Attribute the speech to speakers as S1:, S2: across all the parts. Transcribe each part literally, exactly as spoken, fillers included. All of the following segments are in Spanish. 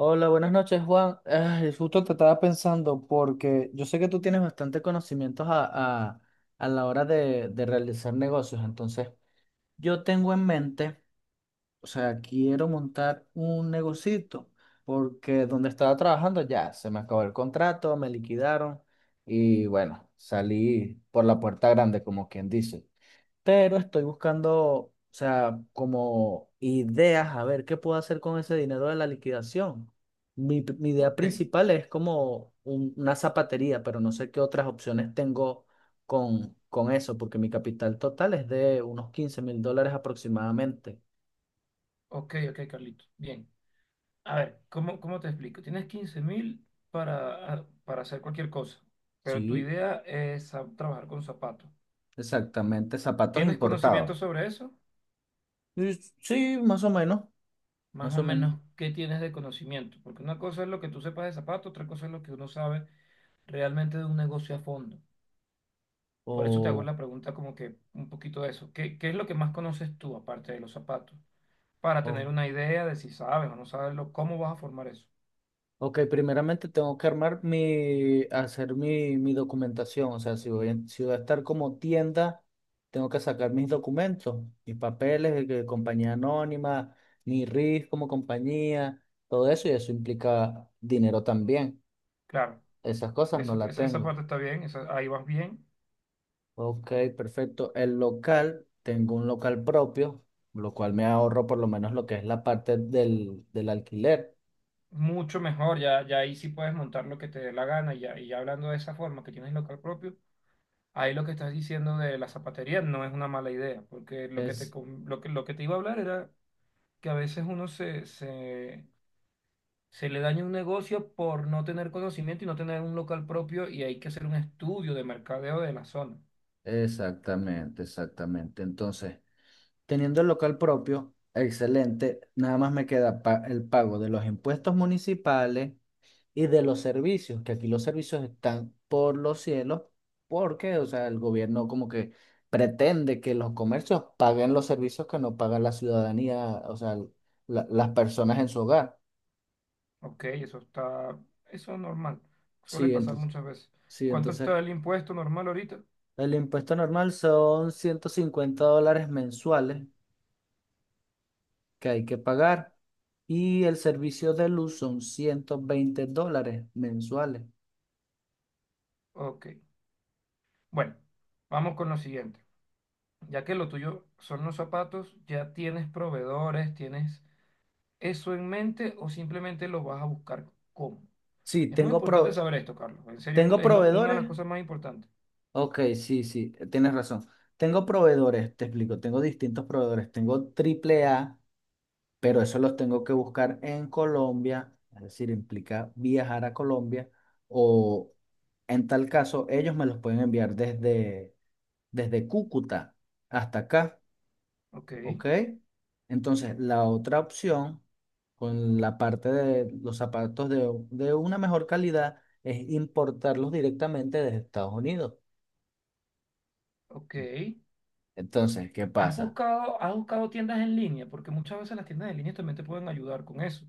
S1: Hola, buenas noches, Juan. Ay, justo te estaba pensando porque yo sé que tú tienes bastante conocimientos a, a- a la hora de, de realizar negocios. Entonces, yo tengo en mente, o sea, quiero montar un negocito porque donde estaba trabajando ya se me acabó el contrato, me liquidaron y bueno, salí por la puerta grande, como quien dice, pero estoy buscando, o sea, como ideas, a ver qué puedo hacer con ese dinero de la liquidación. Mi, mi idea
S2: Ok,
S1: principal es como un- una zapatería, pero no sé qué otras opciones tengo con, con eso, porque mi capital total es de unos quince mil dólares aproximadamente.
S2: ok, ok, Carlito. Bien. A ver, ¿cómo, cómo te explico? Tienes quince mil para, ah, para hacer cualquier cosa, pero tu
S1: Sí,
S2: idea es a- trabajar con zapatos.
S1: exactamente, zapatos
S2: ¿Tienes
S1: importados.
S2: conocimiento sobre eso?
S1: Y sí, más o menos,
S2: Más
S1: más
S2: o
S1: o menos.
S2: menos, ¿qué tienes de conocimiento? Porque una cosa es lo que tú sepas de zapatos, otra cosa es lo que uno sabe realmente de un negocio a fondo. Por eso te hago
S1: O,
S2: la pregunta como que un poquito de eso. ¿Qué, qué es lo que más conoces tú aparte de los zapatos? Para
S1: o
S2: tener una idea de si sabes o no sabes lo, cómo vas a formar eso.
S1: Ok, primeramente tengo que armar mi, hacer mi, mi documentación. O sea, si voy, en- si voy a estar como tienda, tengo que sacar mis documentos, mis papeles de que compañía anónima, mi R I F como compañía, todo eso, y eso implica dinero también.
S2: Claro.
S1: Esas cosas no
S2: Eso,
S1: las
S2: esa, esa
S1: tengo.
S2: parte está bien, esa- ahí vas bien,
S1: Ok, perfecto. El local, tengo un local propio, lo cual me ahorro por lo menos lo que es la parte del, del alquiler.
S2: mucho mejor, ya, ya ahí sí puedes montar lo que te dé la gana y ya, y ya hablando de esa forma que tienes local propio, ahí lo que estás diciendo de la zapatería no es una mala idea, porque lo que te, com- lo que, lo que te iba a hablar era que a veces uno se, se, se le daña un negocio por no tener conocimiento y no tener un local propio y hay que hacer un estudio de mercadeo de la zona.
S1: Exactamente, exactamente. Entonces, teniendo el local propio, excelente, nada más me queda pa- el pago de los impuestos municipales y de los servicios, que aquí los servicios están por los cielos, porque, o sea, el gobierno como que pretende que los comercios paguen los servicios que no paga la ciudadanía, o sea, la- las personas en su hogar.
S2: Ok, eso está, eso es normal, suele
S1: Sí,
S2: pasar
S1: entonces,
S2: muchas veces.
S1: sí,
S2: ¿Cuánto
S1: entonces
S2: está el impuesto normal ahorita?
S1: el impuesto normal son ciento cincuenta dólares mensuales que hay que pagar y el servicio de luz son ciento veinte dólares mensuales.
S2: Ok. Bueno, vamos con lo siguiente. Ya que lo tuyo son los zapatos, ¿ya tienes proveedores? ¿Tienes eso en mente o simplemente lo vas a buscar cómo?
S1: Sí,
S2: Es muy
S1: tengo, pro-
S2: importante saber esto, Carlos. En serio, es,
S1: tengo
S2: es lo- una de las
S1: proveedores.
S2: cosas más importantes.
S1: Ok, sí, sí, tienes razón. Tengo proveedores, te explico, tengo distintos proveedores. Tengo triple A, pero eso los tengo que buscar en Colombia, es decir, implica viajar a Colombia o en tal caso ellos me los pueden enviar desde, desde Cúcuta hasta acá.
S2: Ok,
S1: ¿Ok? Entonces, la otra opción, con la parte de los zapatos de, de una mejor calidad, es importarlos directamente desde Estados Unidos.
S2: ok.
S1: Entonces, ¿qué
S2: ¿Has
S1: pasa?
S2: buscado, has buscado tiendas en línea? Porque muchas veces las tiendas en línea también te pueden ayudar con eso.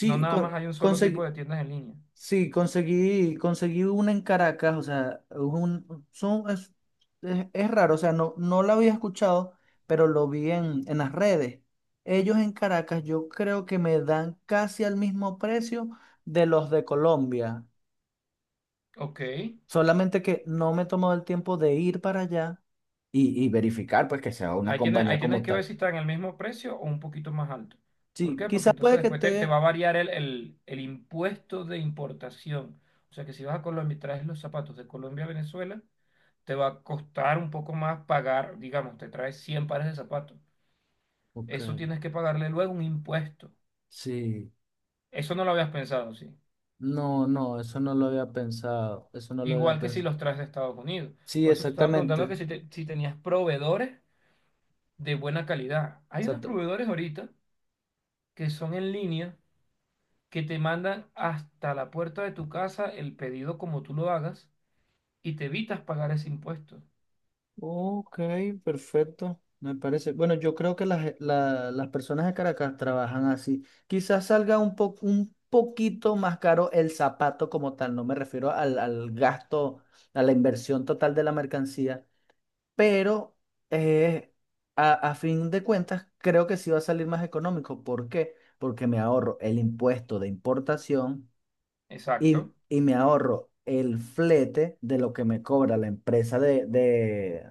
S2: No nada
S1: con-
S2: más hay un solo tipo
S1: conseguí,
S2: de tiendas en línea.
S1: sí, conseguí, conseguí una en Caracas, o sea, un, son, es, es- es raro, o sea, no, no la había escuchado, pero lo vi en, en las redes. Ellos en Caracas yo creo que me dan casi al mismo precio de los de Colombia.
S2: Ok.
S1: Solamente que no me he tomado el tiempo de ir para allá Y, y verificar, pues, que sea una
S2: Ahí tienes,
S1: compañía
S2: ahí tienes
S1: como
S2: que ver
S1: tal.
S2: si está en el mismo precio o un poquito más alto. ¿Por
S1: Sí,
S2: qué? Porque
S1: quizás
S2: entonces
S1: puede que
S2: después te, te
S1: esté.
S2: va a variar el, el- el impuesto de importación. O sea que si vas a Colombia y traes los zapatos de Colombia a Venezuela, te va a costar un poco más pagar, digamos, te traes cien pares de zapatos.
S1: Ok,
S2: Eso tienes que pagarle luego un impuesto.
S1: sí.
S2: Eso no lo habías pensado, sí.
S1: No, no, eso no lo había pensado. Eso no lo había
S2: Igual que si
S1: pensado.
S2: los traes de Estados Unidos.
S1: Sí,
S2: Por eso te estaba preguntando
S1: exactamente.
S2: que si, te- si tenías proveedores de buena calidad. Hay unos
S1: Exacto.
S2: proveedores ahorita que son en línea que te mandan hasta la puerta de tu casa el pedido como tú lo hagas y te evitas pagar ese impuesto.
S1: Ok, perfecto. Me parece. Bueno, yo creo que las, la- las personas de Caracas trabajan así. Quizás salga un po- un poquito más caro el zapato como tal. No me refiero al, al gasto, a la inversión total de la mercancía, pero eh, a, a fin de cuentas creo que sí va a salir más económico. ¿Por qué? Porque me ahorro el impuesto de importación
S2: Exacto,
S1: y, y me ahorro el flete de lo que me cobra la empresa de, de,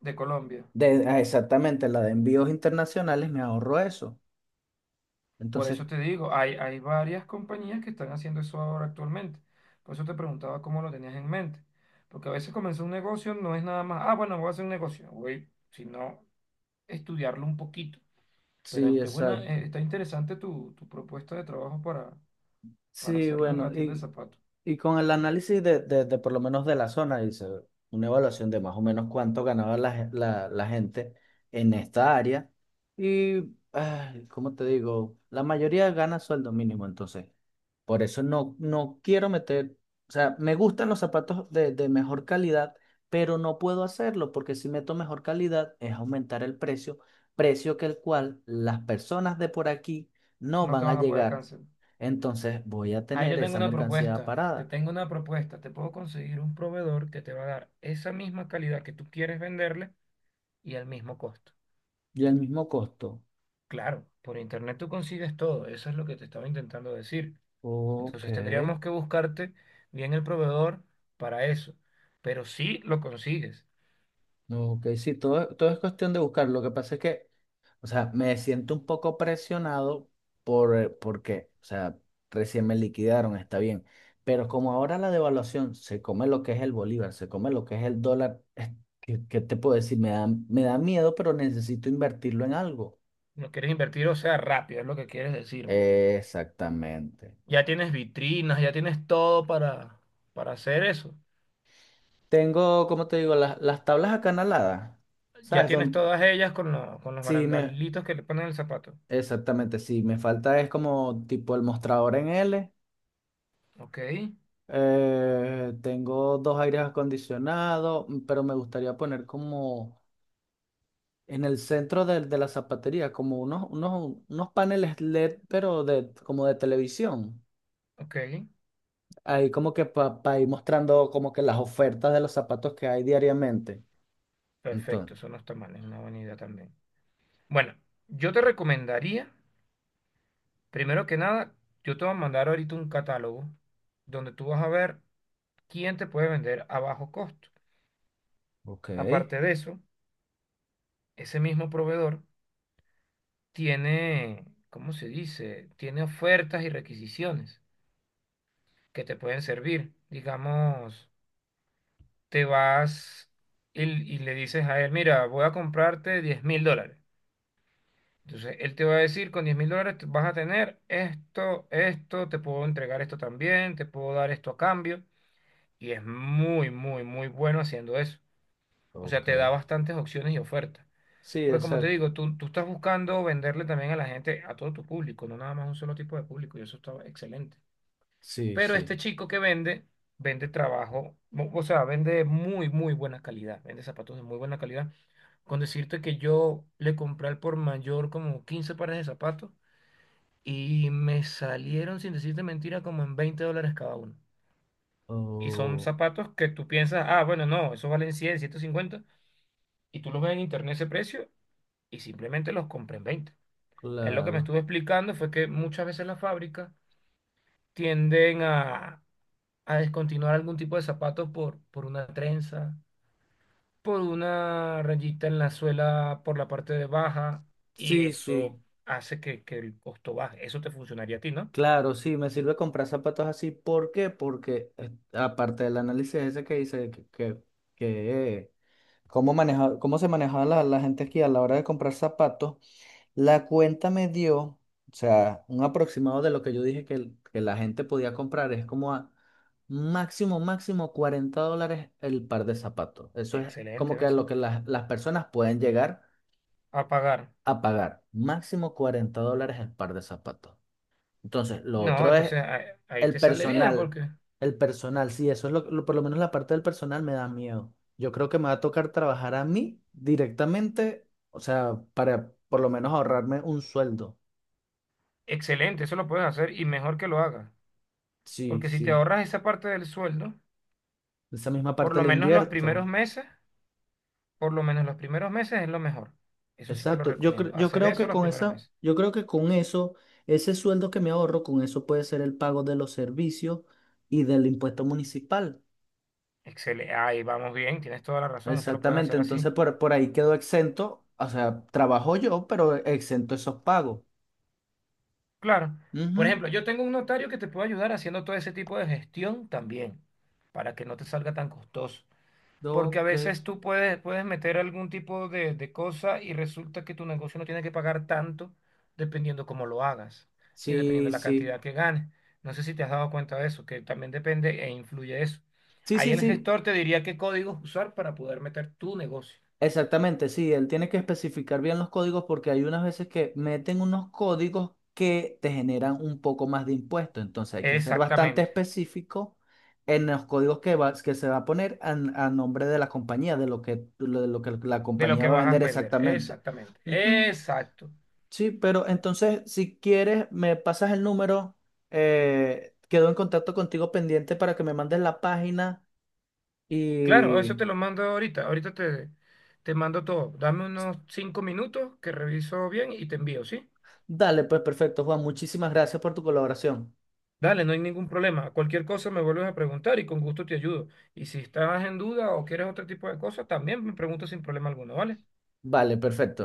S2: de Colombia.
S1: de- ah, exactamente la de envíos internacionales, me ahorro eso.
S2: Por
S1: Entonces,
S2: eso te digo, hay, hay varias compañías que están haciendo eso ahora actualmente. Por eso te preguntaba cómo lo tenías en mente. Porque a veces comenzar un negocio no es nada más, ah, bueno, voy a hacer un negocio, voy, sino estudiarlo un poquito.
S1: sí,
S2: Pero qué buena,
S1: exacto.
S2: eh, está interesante tu, tu propuesta de trabajo para, para
S1: Sí,
S2: hacerlo en la
S1: bueno,
S2: tienda de
S1: y
S2: zapatos.
S1: Y con el análisis de, de- de por lo menos de la zona, hice una evaluación de más o menos cuánto ganaba la, ge- la- la gente en esta área. Y, ay, ¿cómo te digo? La mayoría gana sueldo mínimo, entonces. Por eso no, no quiero meter, o sea, me gustan los zapatos de, de mejor calidad, pero no puedo hacerlo porque si meto mejor calidad es aumentar el precio, precio que el cual las personas de por aquí no
S2: No te
S1: van a
S2: van a poder
S1: llegar.
S2: cancelar.
S1: Entonces voy a
S2: Ahí te
S1: tener
S2: tengo
S1: esa
S2: una
S1: mercancía
S2: propuesta, te
S1: parada.
S2: tengo una propuesta, te puedo conseguir un proveedor que te va a dar esa misma calidad que tú quieres venderle y al mismo costo.
S1: Y al mismo costo.
S2: Claro, por internet tú consigues todo, eso es lo que te estaba intentando decir.
S1: Ok,
S2: Entonces tendríamos que buscarte bien el proveedor para eso, pero sí lo consigues.
S1: no, ok, sí, todo, todo es cuestión de buscar. Lo que pasa es que, o sea, me siento un poco presionado por, eh, porque, o sea, recién me liquidaron, está bien. Pero como ahora la devaluación se come lo que es el bolívar, se come lo que es el dólar, es que- ¿qué, te puedo decir? Me da, me da miedo, pero necesito invertirlo en algo.
S2: No quieres invertir, o sea, rápido, es lo que quieres decirme.
S1: Exactamente.
S2: Ya tienes vitrinas, ya tienes todo para, para hacer eso.
S1: Tengo, como te digo, las, las tablas acanaladas.
S2: Ya
S1: ¿Sabes?
S2: tienes
S1: Don-
S2: todas ellas con, lo- con los
S1: si me,
S2: barandalitos que le ponen el zapato.
S1: Exactamente, sí, me falta es como tipo el mostrador en L.
S2: Ok.
S1: Eh, tengo dos aires acondicionados, mm, pero me gustaría poner como en el centro del- de, la zapatería, como unos, unos, unos paneles L E D, pero de, como de televisión.
S2: Ok,
S1: Ahí como que para ir mostrando como que las ofertas de los zapatos que hay diariamente. Entonces,
S2: perfecto, eso no está mal, es una buena idea también. Bueno, yo te recomendaría, primero que nada, yo te voy a mandar ahorita un catálogo donde tú vas a ver quién te puede vender a bajo costo.
S1: ok,
S2: Aparte de eso, ese mismo proveedor tiene, ¿cómo se dice? Tiene ofertas y requisiciones que te pueden servir. Digamos, te vas y, y le dices a él, mira, voy a comprarte diez mil dólares. Entonces, él te va a decir, con diez mil dólares te- vas a tener esto, esto, te puedo entregar esto también, te puedo dar esto a cambio. Y es muy, muy, muy bueno haciendo eso. O sea,
S1: ok.
S2: te da bastantes opciones y ofertas.
S1: Sí,
S2: Porque como te
S1: exacto.
S2: digo, tú, tú estás buscando venderle también a la gente, a todo tu público, no nada más a un solo tipo de público, y eso está excelente.
S1: Sí,
S2: Pero
S1: sí.
S2: este chico que vende, vende trabajo, o o sea, vende muy, muy buena calidad, vende zapatos de muy buena calidad. Con decirte que yo le compré al por mayor como quince pares de zapatos y me salieron, sin decirte mentira, como en veinte dólares cada uno. Y son
S1: Oh,
S2: zapatos que tú piensas, ah, bueno, no, eso valen cien ciento cincuenta. Y tú los ves en internet ese precio y simplemente los compré en veinte. Él lo que me
S1: claro.
S2: estuvo explicando fue que muchas veces las fábricas tienden a, a descontinuar algún tipo de zapatos por, por una trenza, por una rayita en la suela por la parte de baja. Y
S1: Sí, sí.
S2: eso hace que, que el costo baje. Eso te funcionaría a ti, ¿no?
S1: Claro, sí, me sirve comprar zapatos así. ¿Por qué? Porque eh, aparte del análisis ese que dice que, que, que, eh, cómo maneja, cómo se manejaba la, la gente aquí a la hora de comprar zapatos, la cuenta me dio, o sea, un aproximado de lo que yo dije que, el- que la gente podía comprar. Es como a máximo, máximo cuarenta dólares el par de zapatos. Eso es
S2: Excelente,
S1: como que
S2: gracias.
S1: lo que las, las personas pueden llegar
S2: A pagar.
S1: a pagar. Máximo cuarenta dólares el par de zapatos. Entonces, lo
S2: No,
S1: otro es
S2: entonces ahí, ahí
S1: el
S2: te sale bien
S1: personal,
S2: porque
S1: el personal, sí, eso es lo, lo- por lo menos la parte del personal me da miedo. Yo creo que me va a tocar trabajar a mí directamente, o sea, para por lo menos ahorrarme un sueldo.
S2: excelente, eso lo puedes hacer y mejor que lo hagas.
S1: Sí,
S2: Porque si te
S1: sí.
S2: ahorras esa parte del sueldo,
S1: Esa misma
S2: por
S1: parte
S2: lo
S1: la
S2: menos los
S1: invierto.
S2: primeros meses, por lo menos los primeros meses es lo mejor. Eso sí te lo
S1: Exacto. Yo, cre-
S2: recomiendo,
S1: yo
S2: hacer
S1: creo
S2: eso
S1: que
S2: los
S1: con
S2: primeros
S1: esa,
S2: meses.
S1: yo creo que con eso, ese sueldo que me ahorro, con eso puede ser el pago de los servicios y del impuesto municipal.
S2: Excelente, ahí vamos bien, tienes toda la razón, eso lo puedes
S1: Exactamente.
S2: hacer así.
S1: Entonces por, por ahí quedo exento. O sea, trabajo yo, pero exento esos pagos.
S2: Claro, por
S1: Ujú.
S2: ejemplo, yo tengo un notario que te puede ayudar haciendo todo ese tipo de gestión también, para que no te salga tan costoso. Porque a
S1: Ok.
S2: veces tú puedes, puedes meter algún tipo de, de cosa y resulta que tu negocio no tiene que pagar tanto dependiendo cómo lo hagas y dependiendo
S1: Sí,
S2: la
S1: sí.
S2: cantidad que ganes. No sé si te has dado cuenta de eso, que también depende e influye eso.
S1: Sí,
S2: Ahí
S1: sí,
S2: el
S1: sí.
S2: gestor te diría qué códigos usar para poder meter tu negocio.
S1: Exactamente, sí. Él tiene que especificar bien los códigos porque hay unas veces que meten unos códigos que te generan un poco más de impuesto. Entonces hay que ser bastante
S2: Exactamente.
S1: específico en los códigos que va, que se va a poner a, a nombre de la compañía, de lo que, lo- de lo que la
S2: De lo
S1: compañía
S2: que
S1: va a
S2: vas a
S1: vender
S2: vender.
S1: exactamente.
S2: Exactamente.
S1: Ujú.
S2: Exacto.
S1: Sí, pero entonces, si quieres, me pasas el número. Eh, quedo en contacto contigo pendiente para que me mandes la página
S2: Claro, eso
S1: y
S2: te lo mando ahorita. Ahorita te, te mando todo. Dame unos cinco minutos que reviso bien y te envío, ¿sí?
S1: dale, pues perfecto, Juan. Muchísimas gracias por tu colaboración.
S2: Dale, no hay ningún problema. Cualquier cosa me vuelves a preguntar y con gusto te ayudo. Y si estás en duda o quieres otro tipo de cosas, también me preguntas sin problema alguno, ¿vale?
S1: Vale, perfecto.